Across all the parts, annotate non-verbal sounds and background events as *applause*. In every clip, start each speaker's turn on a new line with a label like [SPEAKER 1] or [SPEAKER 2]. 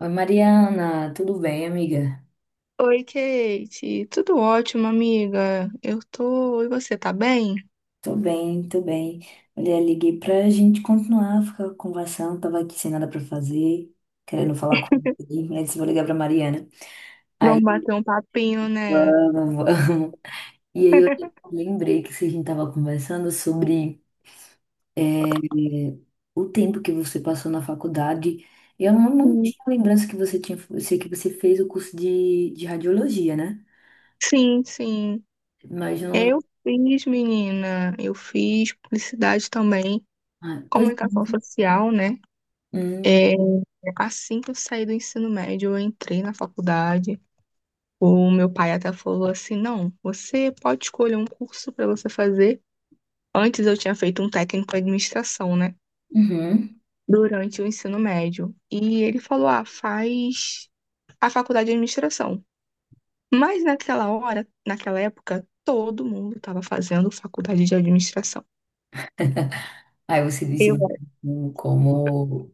[SPEAKER 1] Oi, Mariana, tudo bem, amiga?
[SPEAKER 2] Oi, Kate. Tudo ótimo, amiga? Eu tô. E você, tá bem?
[SPEAKER 1] Tô bem. Olha, liguei pra gente continuar, ficar conversando. Tava aqui sem nada pra fazer, querendo falar com alguém. Aí disse, vou ligar pra Mariana.
[SPEAKER 2] Vamos
[SPEAKER 1] Aí,
[SPEAKER 2] bater um papinho, né?
[SPEAKER 1] vamos, *laughs* vamos. E aí eu lembrei que a gente tava conversando sobre eh, o tempo que você passou na faculdade. Eu não
[SPEAKER 2] Hum.
[SPEAKER 1] tinha lembrança que você tinha, eu sei que você fez o curso de radiologia, né?
[SPEAKER 2] Sim, sim.
[SPEAKER 1] Mas não.
[SPEAKER 2] Eu fiz, menina. Eu fiz publicidade também,
[SPEAKER 1] Ah, pois. É.
[SPEAKER 2] comunicação social, né?
[SPEAKER 1] Hum,
[SPEAKER 2] É, assim que eu saí do ensino médio, eu entrei na faculdade. O meu pai até falou assim: não, você pode escolher um curso para você fazer. Antes eu tinha feito um técnico em administração, né,
[SPEAKER 1] uhum.
[SPEAKER 2] durante o ensino médio. E ele falou: ah, faz a faculdade de administração. Mas naquela hora, naquela época, todo mundo estava fazendo faculdade de administração.
[SPEAKER 1] Aí você disse
[SPEAKER 2] Eu.
[SPEAKER 1] como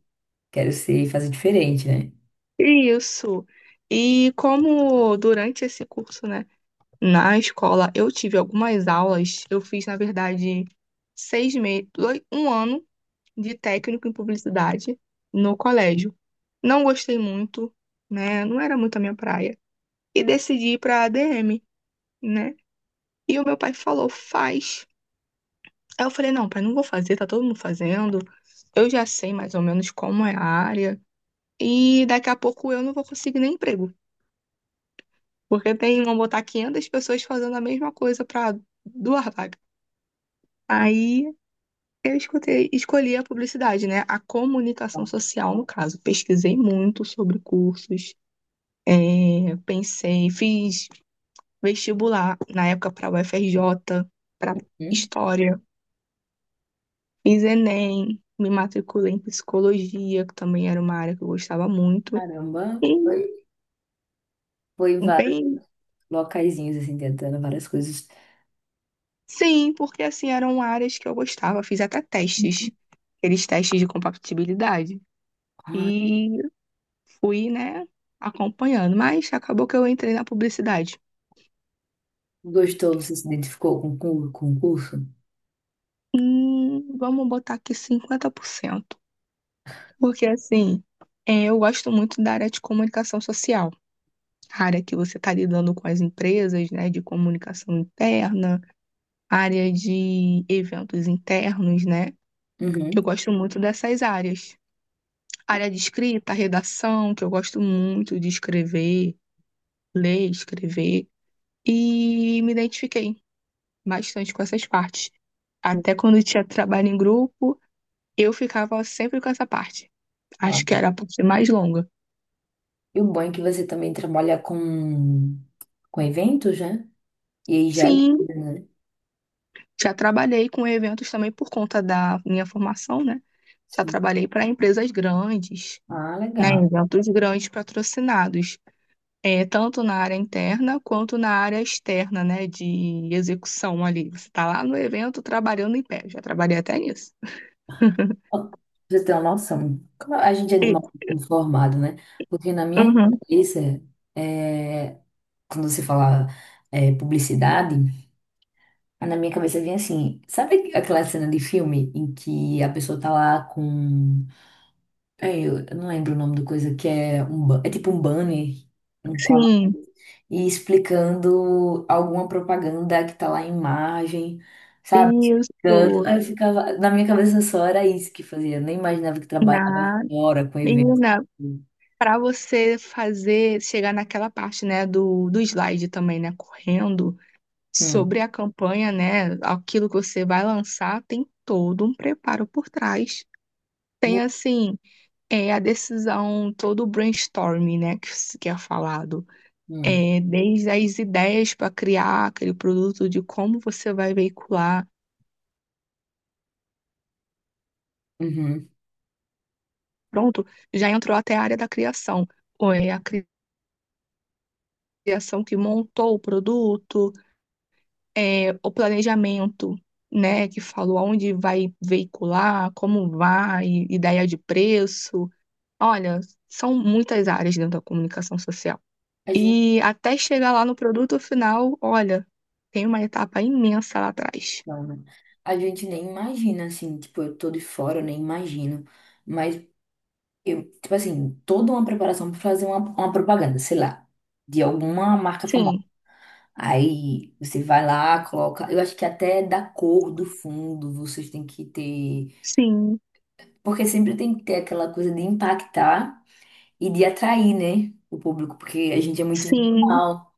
[SPEAKER 1] quero ser e fazer diferente, né?
[SPEAKER 2] Isso. E como durante esse curso, né, na escola, eu tive algumas aulas, eu fiz, na verdade, 6 meses, 1 ano de técnico em publicidade no colégio. Não gostei muito, né? Não era muito a minha praia. E decidi ir para a ADM, né? E o meu pai falou, faz. Aí eu falei, não, pai, não vou fazer, tá todo mundo fazendo. Eu já sei mais ou menos como é a área. E daqui a pouco eu não vou conseguir nem emprego. Porque tem, vão botar 500 pessoas fazendo a mesma coisa para duas vagas. Aí eu escutei, escolhi a publicidade, né? A comunicação social, no caso. Pesquisei muito sobre cursos. É, pensei, fiz vestibular na época para UFRJ, para
[SPEAKER 1] Hum,
[SPEAKER 2] História. Fiz Enem, me matriculei em psicologia, que também era uma área que eu gostava muito.
[SPEAKER 1] caramba,
[SPEAKER 2] E
[SPEAKER 1] foi, foi em vários
[SPEAKER 2] bem,
[SPEAKER 1] locaizinhos, assim, tentando várias coisas.
[SPEAKER 2] sim, porque assim eram áreas que eu gostava, fiz até testes, aqueles testes de compatibilidade.
[SPEAKER 1] Ah,
[SPEAKER 2] E fui, né, acompanhando, mas acabou que eu entrei na publicidade.
[SPEAKER 1] gostou, você se identificou com o concurso?
[SPEAKER 2] Vamos botar aqui 50% porque assim, eu gosto muito da área de comunicação social, a área que você está lidando com as empresas, né, de comunicação interna área de eventos internos, né? Eu
[SPEAKER 1] Uhum.
[SPEAKER 2] gosto muito dessas áreas. Área de escrita, redação, que eu gosto muito de escrever, ler, escrever. E me identifiquei bastante com essas partes. Até quando eu tinha trabalho em grupo, eu ficava sempre com essa parte.
[SPEAKER 1] Ah,
[SPEAKER 2] Acho que era a parte mais longa.
[SPEAKER 1] e o bom é que você também trabalha com eventos, né? E aí já ajuda,
[SPEAKER 2] Sim,
[SPEAKER 1] né?
[SPEAKER 2] já trabalhei com eventos também por conta da minha formação, né? Já
[SPEAKER 1] Sim.
[SPEAKER 2] trabalhei para empresas grandes,
[SPEAKER 1] Ah,
[SPEAKER 2] né?
[SPEAKER 1] legal.
[SPEAKER 2] Eventos grandes patrocinados. É, tanto na área interna quanto na área externa, né, de execução ali. Você está lá no evento trabalhando em pé. Já trabalhei até nisso. *laughs*
[SPEAKER 1] Ó, pra você tem uma noção. Como a gente é
[SPEAKER 2] E-
[SPEAKER 1] mal informado, né? Porque na minha
[SPEAKER 2] Uhum,
[SPEAKER 1] cabeça, é, quando você fala publicidade, na minha cabeça vem assim, sabe aquela cena de filme em que a pessoa tá lá com, eu não lembro o nome da coisa, que é um, é tipo um banner, um
[SPEAKER 2] sim,
[SPEAKER 1] e explicando alguma propaganda que tá lá em imagem, sabe? Explicando.
[SPEAKER 2] isso.
[SPEAKER 1] Aí eu ficava, na minha cabeça só era isso que fazia, eu nem imaginava que trabalhava
[SPEAKER 2] Na,
[SPEAKER 1] fora com eventos.
[SPEAKER 2] menina,
[SPEAKER 1] Hum,
[SPEAKER 2] para você fazer, chegar naquela parte, né, do slide também, né, correndo
[SPEAKER 1] hum,
[SPEAKER 2] sobre a campanha, né, aquilo que você vai lançar, tem todo um preparo por trás. Tem, assim, a decisão, todo o brainstorming, né, que, que é falado.
[SPEAKER 1] hum,
[SPEAKER 2] É, desde as ideias para criar aquele produto, de como você vai veicular.
[SPEAKER 1] uhum.
[SPEAKER 2] Pronto, já entrou até a área da criação. Ou é a criação que montou o produto, o planejamento, né, que falou onde vai veicular, como vai, ideia de preço. Olha, são muitas áreas dentro da comunicação social. E até chegar lá no produto final, olha, tem uma etapa imensa lá atrás.
[SPEAKER 1] Não, né? A gente nem imagina, assim, tipo, eu tô de fora, eu nem imagino. Mas, eu, tipo assim, toda uma preparação pra fazer uma propaganda, sei lá, de alguma marca famosa.
[SPEAKER 2] Sim,
[SPEAKER 1] Aí você vai lá, coloca. Eu acho que até da cor do fundo vocês têm que ter.
[SPEAKER 2] sim,
[SPEAKER 1] Porque sempre tem que ter aquela coisa de impactar e de atrair, né? O público, porque a gente é muito
[SPEAKER 2] sim.
[SPEAKER 1] visual.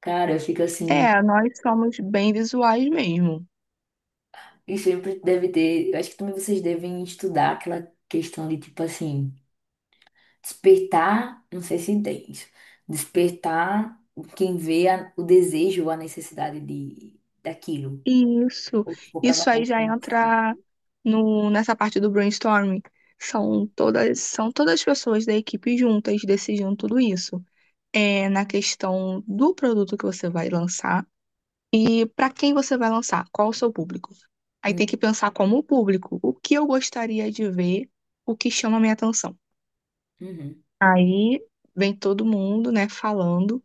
[SPEAKER 1] Cara, eu fico assim.
[SPEAKER 2] É, nós somos bem visuais mesmo.
[SPEAKER 1] E sempre deve ter. Eu acho que também vocês devem estudar aquela questão de, tipo assim. Despertar, não sei se entende, despertar quem vê o desejo, ou a necessidade de, daquilo.
[SPEAKER 2] Isso,
[SPEAKER 1] Ou que for
[SPEAKER 2] isso aí
[SPEAKER 1] provocando
[SPEAKER 2] já
[SPEAKER 1] como assim.
[SPEAKER 2] entra no, nessa parte do brainstorming. São todas as pessoas da equipe juntas decidindo tudo isso. É na questão do produto que você vai lançar e para quem você vai lançar, qual o seu público. Aí
[SPEAKER 1] Hum,
[SPEAKER 2] tem que pensar como o público, o que eu gostaria de ver, o que chama a minha atenção.
[SPEAKER 1] uhum.
[SPEAKER 2] Aí vem todo mundo, né, falando.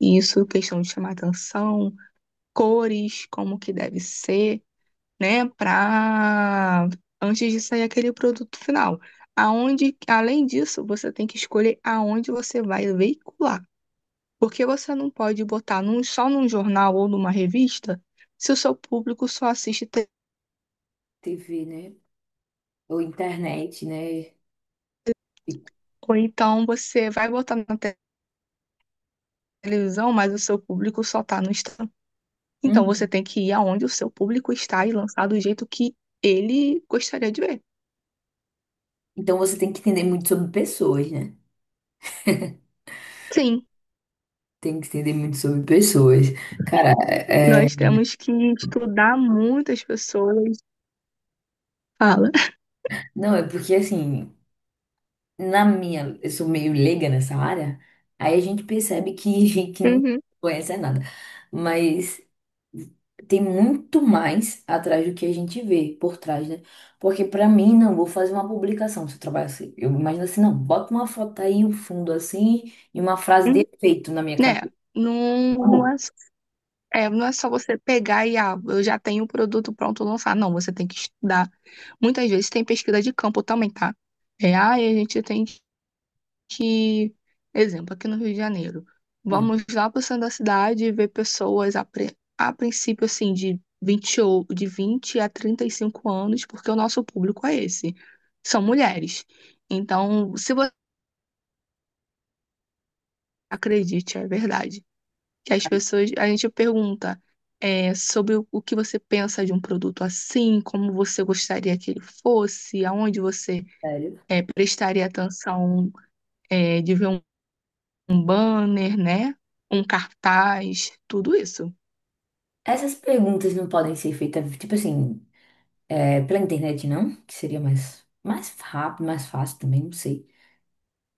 [SPEAKER 2] Isso, questão de chamar atenção, cores, como que deve ser, né, para antes de sair aquele produto final. Aonde, além disso, você tem que escolher aonde você vai veicular, porque você não pode botar só num jornal ou numa revista se o seu público só assiste TV.
[SPEAKER 1] TV, né? Ou internet, né?
[SPEAKER 2] Ou então você vai botar na televisão, mas o seu público só está no Instagram. Então você
[SPEAKER 1] Uhum.
[SPEAKER 2] tem que ir aonde o seu público está e lançar do jeito que ele gostaria de ver.
[SPEAKER 1] Então você tem que entender muito sobre pessoas, né?
[SPEAKER 2] Sim,
[SPEAKER 1] Tem que entender muito sobre pessoas. Cara,
[SPEAKER 2] nós temos que estudar muitas pessoas. Fala.
[SPEAKER 1] não, é porque assim, na minha, eu sou meio leiga nessa área, aí a gente percebe que, *laughs* que não
[SPEAKER 2] Uhum,
[SPEAKER 1] conhece nada. Mas tem muito mais atrás do que a gente vê por trás, né? Porque pra mim, não, vou fazer uma publicação. Se eu trabalho assim, eu imagino assim, não, bota uma foto aí, um fundo assim, e uma frase de
[SPEAKER 2] uhum.
[SPEAKER 1] efeito na minha
[SPEAKER 2] Né?
[SPEAKER 1] cabeça.
[SPEAKER 2] Não,
[SPEAKER 1] Amor,
[SPEAKER 2] não é só você pegar e, ah, eu já tenho o produto pronto, lançar. Não, você tem que estudar. Muitas vezes tem pesquisa de campo também, tá? É, ah, a gente tem que, exemplo, aqui no Rio de Janeiro,
[SPEAKER 1] não,
[SPEAKER 2] vamos lá para o centro da cidade e ver pessoas a princípio assim de 20 ou de 20 a 35 anos, porque o nosso público é esse, são mulheres. Então, se você acredite, é verdade, que as
[SPEAKER 1] cara,
[SPEAKER 2] pessoas, a gente pergunta sobre o que você pensa de um produto assim, como você gostaria que ele fosse, aonde você
[SPEAKER 1] sério.
[SPEAKER 2] prestaria atenção de ver um banner, né? Um cartaz, tudo isso.
[SPEAKER 1] Essas perguntas não podem ser feitas, tipo assim, pela internet, não? Que seria mais rápido, mais fácil também, não sei.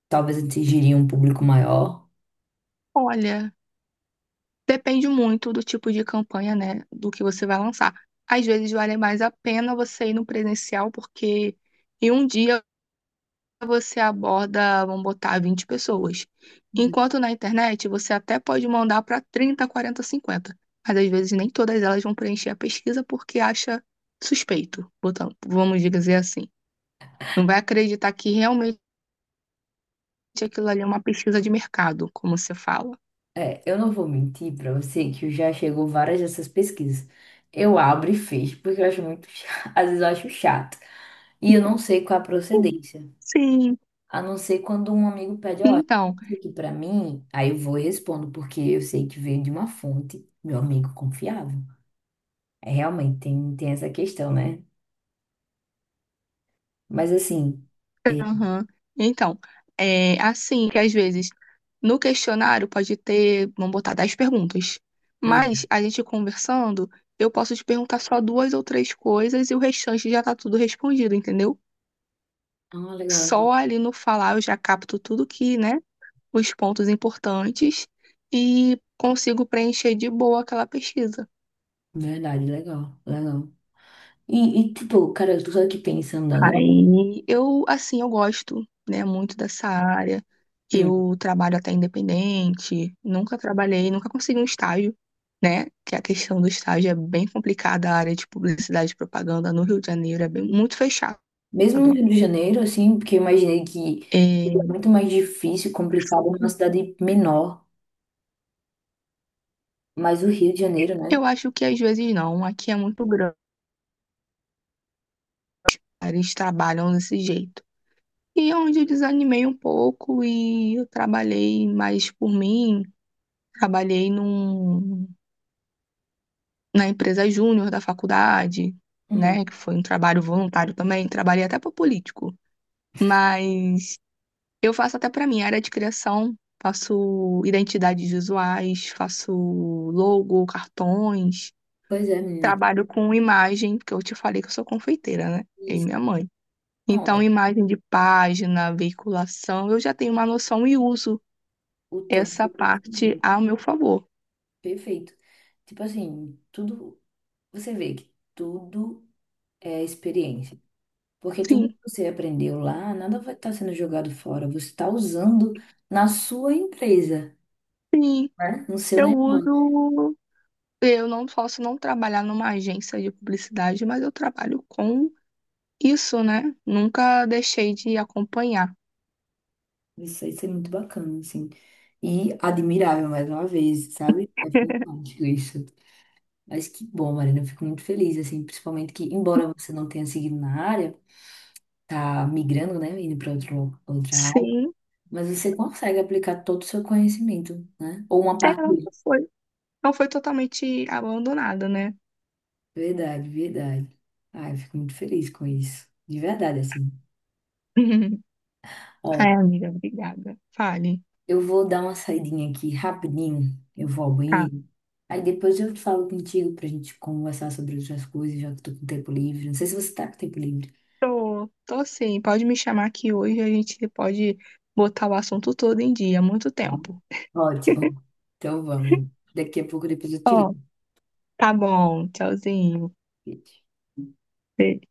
[SPEAKER 1] Talvez atingiria um público maior.
[SPEAKER 2] Olha, depende muito do tipo de campanha, né? Do que você vai lançar. Às vezes vale mais a pena você ir no presencial, porque em um dia você aborda, vamos botar, 20 pessoas. Enquanto na internet você até pode mandar para 30, 40, 50, mas às vezes nem todas elas vão preencher a pesquisa porque acha suspeito, vamos dizer assim. Não vai acreditar que realmente aquilo ali é uma pesquisa de mercado, como você fala.
[SPEAKER 1] É, eu não vou mentir pra você que eu já chegou várias dessas pesquisas. Eu abro e fecho, porque eu acho muito chato, *laughs* às vezes eu acho chato. E eu não sei qual é a procedência.
[SPEAKER 2] Sim,
[SPEAKER 1] A não ser quando um amigo pede, ó,
[SPEAKER 2] então,
[SPEAKER 1] isso aqui pra mim, aí eu vou e respondo, porque eu sei que veio de uma fonte, meu amigo confiável. É, realmente, tem essa questão, né? Mas assim, é,
[SPEAKER 2] aham. Então, é assim que às vezes no questionário pode ter, vamos botar, 10 perguntas,
[SPEAKER 1] hum,
[SPEAKER 2] mas a gente conversando, eu posso te perguntar só duas ou três coisas e o restante já tá tudo respondido, entendeu?
[SPEAKER 1] ah, legal,
[SPEAKER 2] Só ali no falar eu já capto tudo que, né, os pontos importantes e consigo preencher de boa aquela pesquisa.
[SPEAKER 1] verdade, legal, legal. E tipo, cara, eu tô só aqui pensando agora.
[SPEAKER 2] Aí eu, assim, eu gosto, né, muito dessa área.
[SPEAKER 1] Hum.
[SPEAKER 2] Eu trabalho até independente, nunca trabalhei, nunca consegui um estágio, né? Que a questão do estágio é bem complicada, a área de publicidade e propaganda no Rio de Janeiro é bem, muito fechado.
[SPEAKER 1] Mesmo no Rio de Janeiro, assim, porque eu imaginei que seria
[SPEAKER 2] É,
[SPEAKER 1] muito mais difícil, complicado numa cidade menor, mas o Rio de Janeiro, né?
[SPEAKER 2] eu acho que às vezes não, aqui é muito grande, eles trabalham desse jeito. E é onde eu desanimei um pouco e eu trabalhei mais por mim, trabalhei na empresa júnior da faculdade,
[SPEAKER 1] Uhum.
[SPEAKER 2] né? Que foi um trabalho voluntário também. Trabalhei até para político, mas eu faço até para mim. Área de criação. Faço identidades visuais, faço logo, cartões,
[SPEAKER 1] Pois é, menina.
[SPEAKER 2] trabalho com imagem, porque eu te falei que eu sou confeiteira, né? Eu e
[SPEAKER 1] Isso.
[SPEAKER 2] minha mãe.
[SPEAKER 1] Não,
[SPEAKER 2] Então,
[SPEAKER 1] é
[SPEAKER 2] imagem de página, veiculação, eu já tenho uma noção e uso
[SPEAKER 1] o todo
[SPEAKER 2] essa
[SPEAKER 1] foi
[SPEAKER 2] parte
[SPEAKER 1] conhecimento.
[SPEAKER 2] a meu favor.
[SPEAKER 1] Perfeito. Tipo assim, tudo. Você vê que tudo é experiência. Porque tudo
[SPEAKER 2] Sim,
[SPEAKER 1] que você aprendeu lá, nada vai estar sendo jogado fora. Você está usando na sua empresa,
[SPEAKER 2] sim,
[SPEAKER 1] né? No seu
[SPEAKER 2] eu
[SPEAKER 1] negócio.
[SPEAKER 2] uso eu não posso não trabalhar numa agência de publicidade, mas eu trabalho com isso, né? Nunca deixei de acompanhar.
[SPEAKER 1] Isso aí ser muito bacana, assim. E admirável, mais uma vez, sabe? É
[SPEAKER 2] *laughs*
[SPEAKER 1] fantástico isso. Mas que bom, Marina. Eu fico muito feliz, assim. Principalmente que, embora você não tenha seguido na área, tá migrando, né? Indo para outra área.
[SPEAKER 2] Sim,
[SPEAKER 1] Mas você consegue aplicar todo o seu conhecimento, né? Ou uma parte
[SPEAKER 2] não
[SPEAKER 1] dele.
[SPEAKER 2] foi. Não foi totalmente abandonada, né?
[SPEAKER 1] Verdade, verdade. Ai, eu fico muito feliz com isso. De verdade, assim.
[SPEAKER 2] *laughs*
[SPEAKER 1] Ó,
[SPEAKER 2] Ai, amiga, obrigada. Fale.
[SPEAKER 1] eu vou dar uma saidinha aqui rapidinho. Eu vou ao
[SPEAKER 2] Tá.
[SPEAKER 1] banheiro. Aí depois eu falo contigo pra gente conversar sobre outras coisas, já que eu tô com tempo livre. Não sei se você tá com tempo livre.
[SPEAKER 2] Tô, tô sim. Pode me chamar aqui hoje, a gente pode botar o assunto todo em dia, há muito
[SPEAKER 1] Tá.
[SPEAKER 2] tempo.
[SPEAKER 1] Ótimo. Então vamos. Daqui a pouco depois eu te
[SPEAKER 2] Ó,
[SPEAKER 1] ligo.
[SPEAKER 2] tá bom. Tchauzinho.
[SPEAKER 1] Beijo.
[SPEAKER 2] Beijo.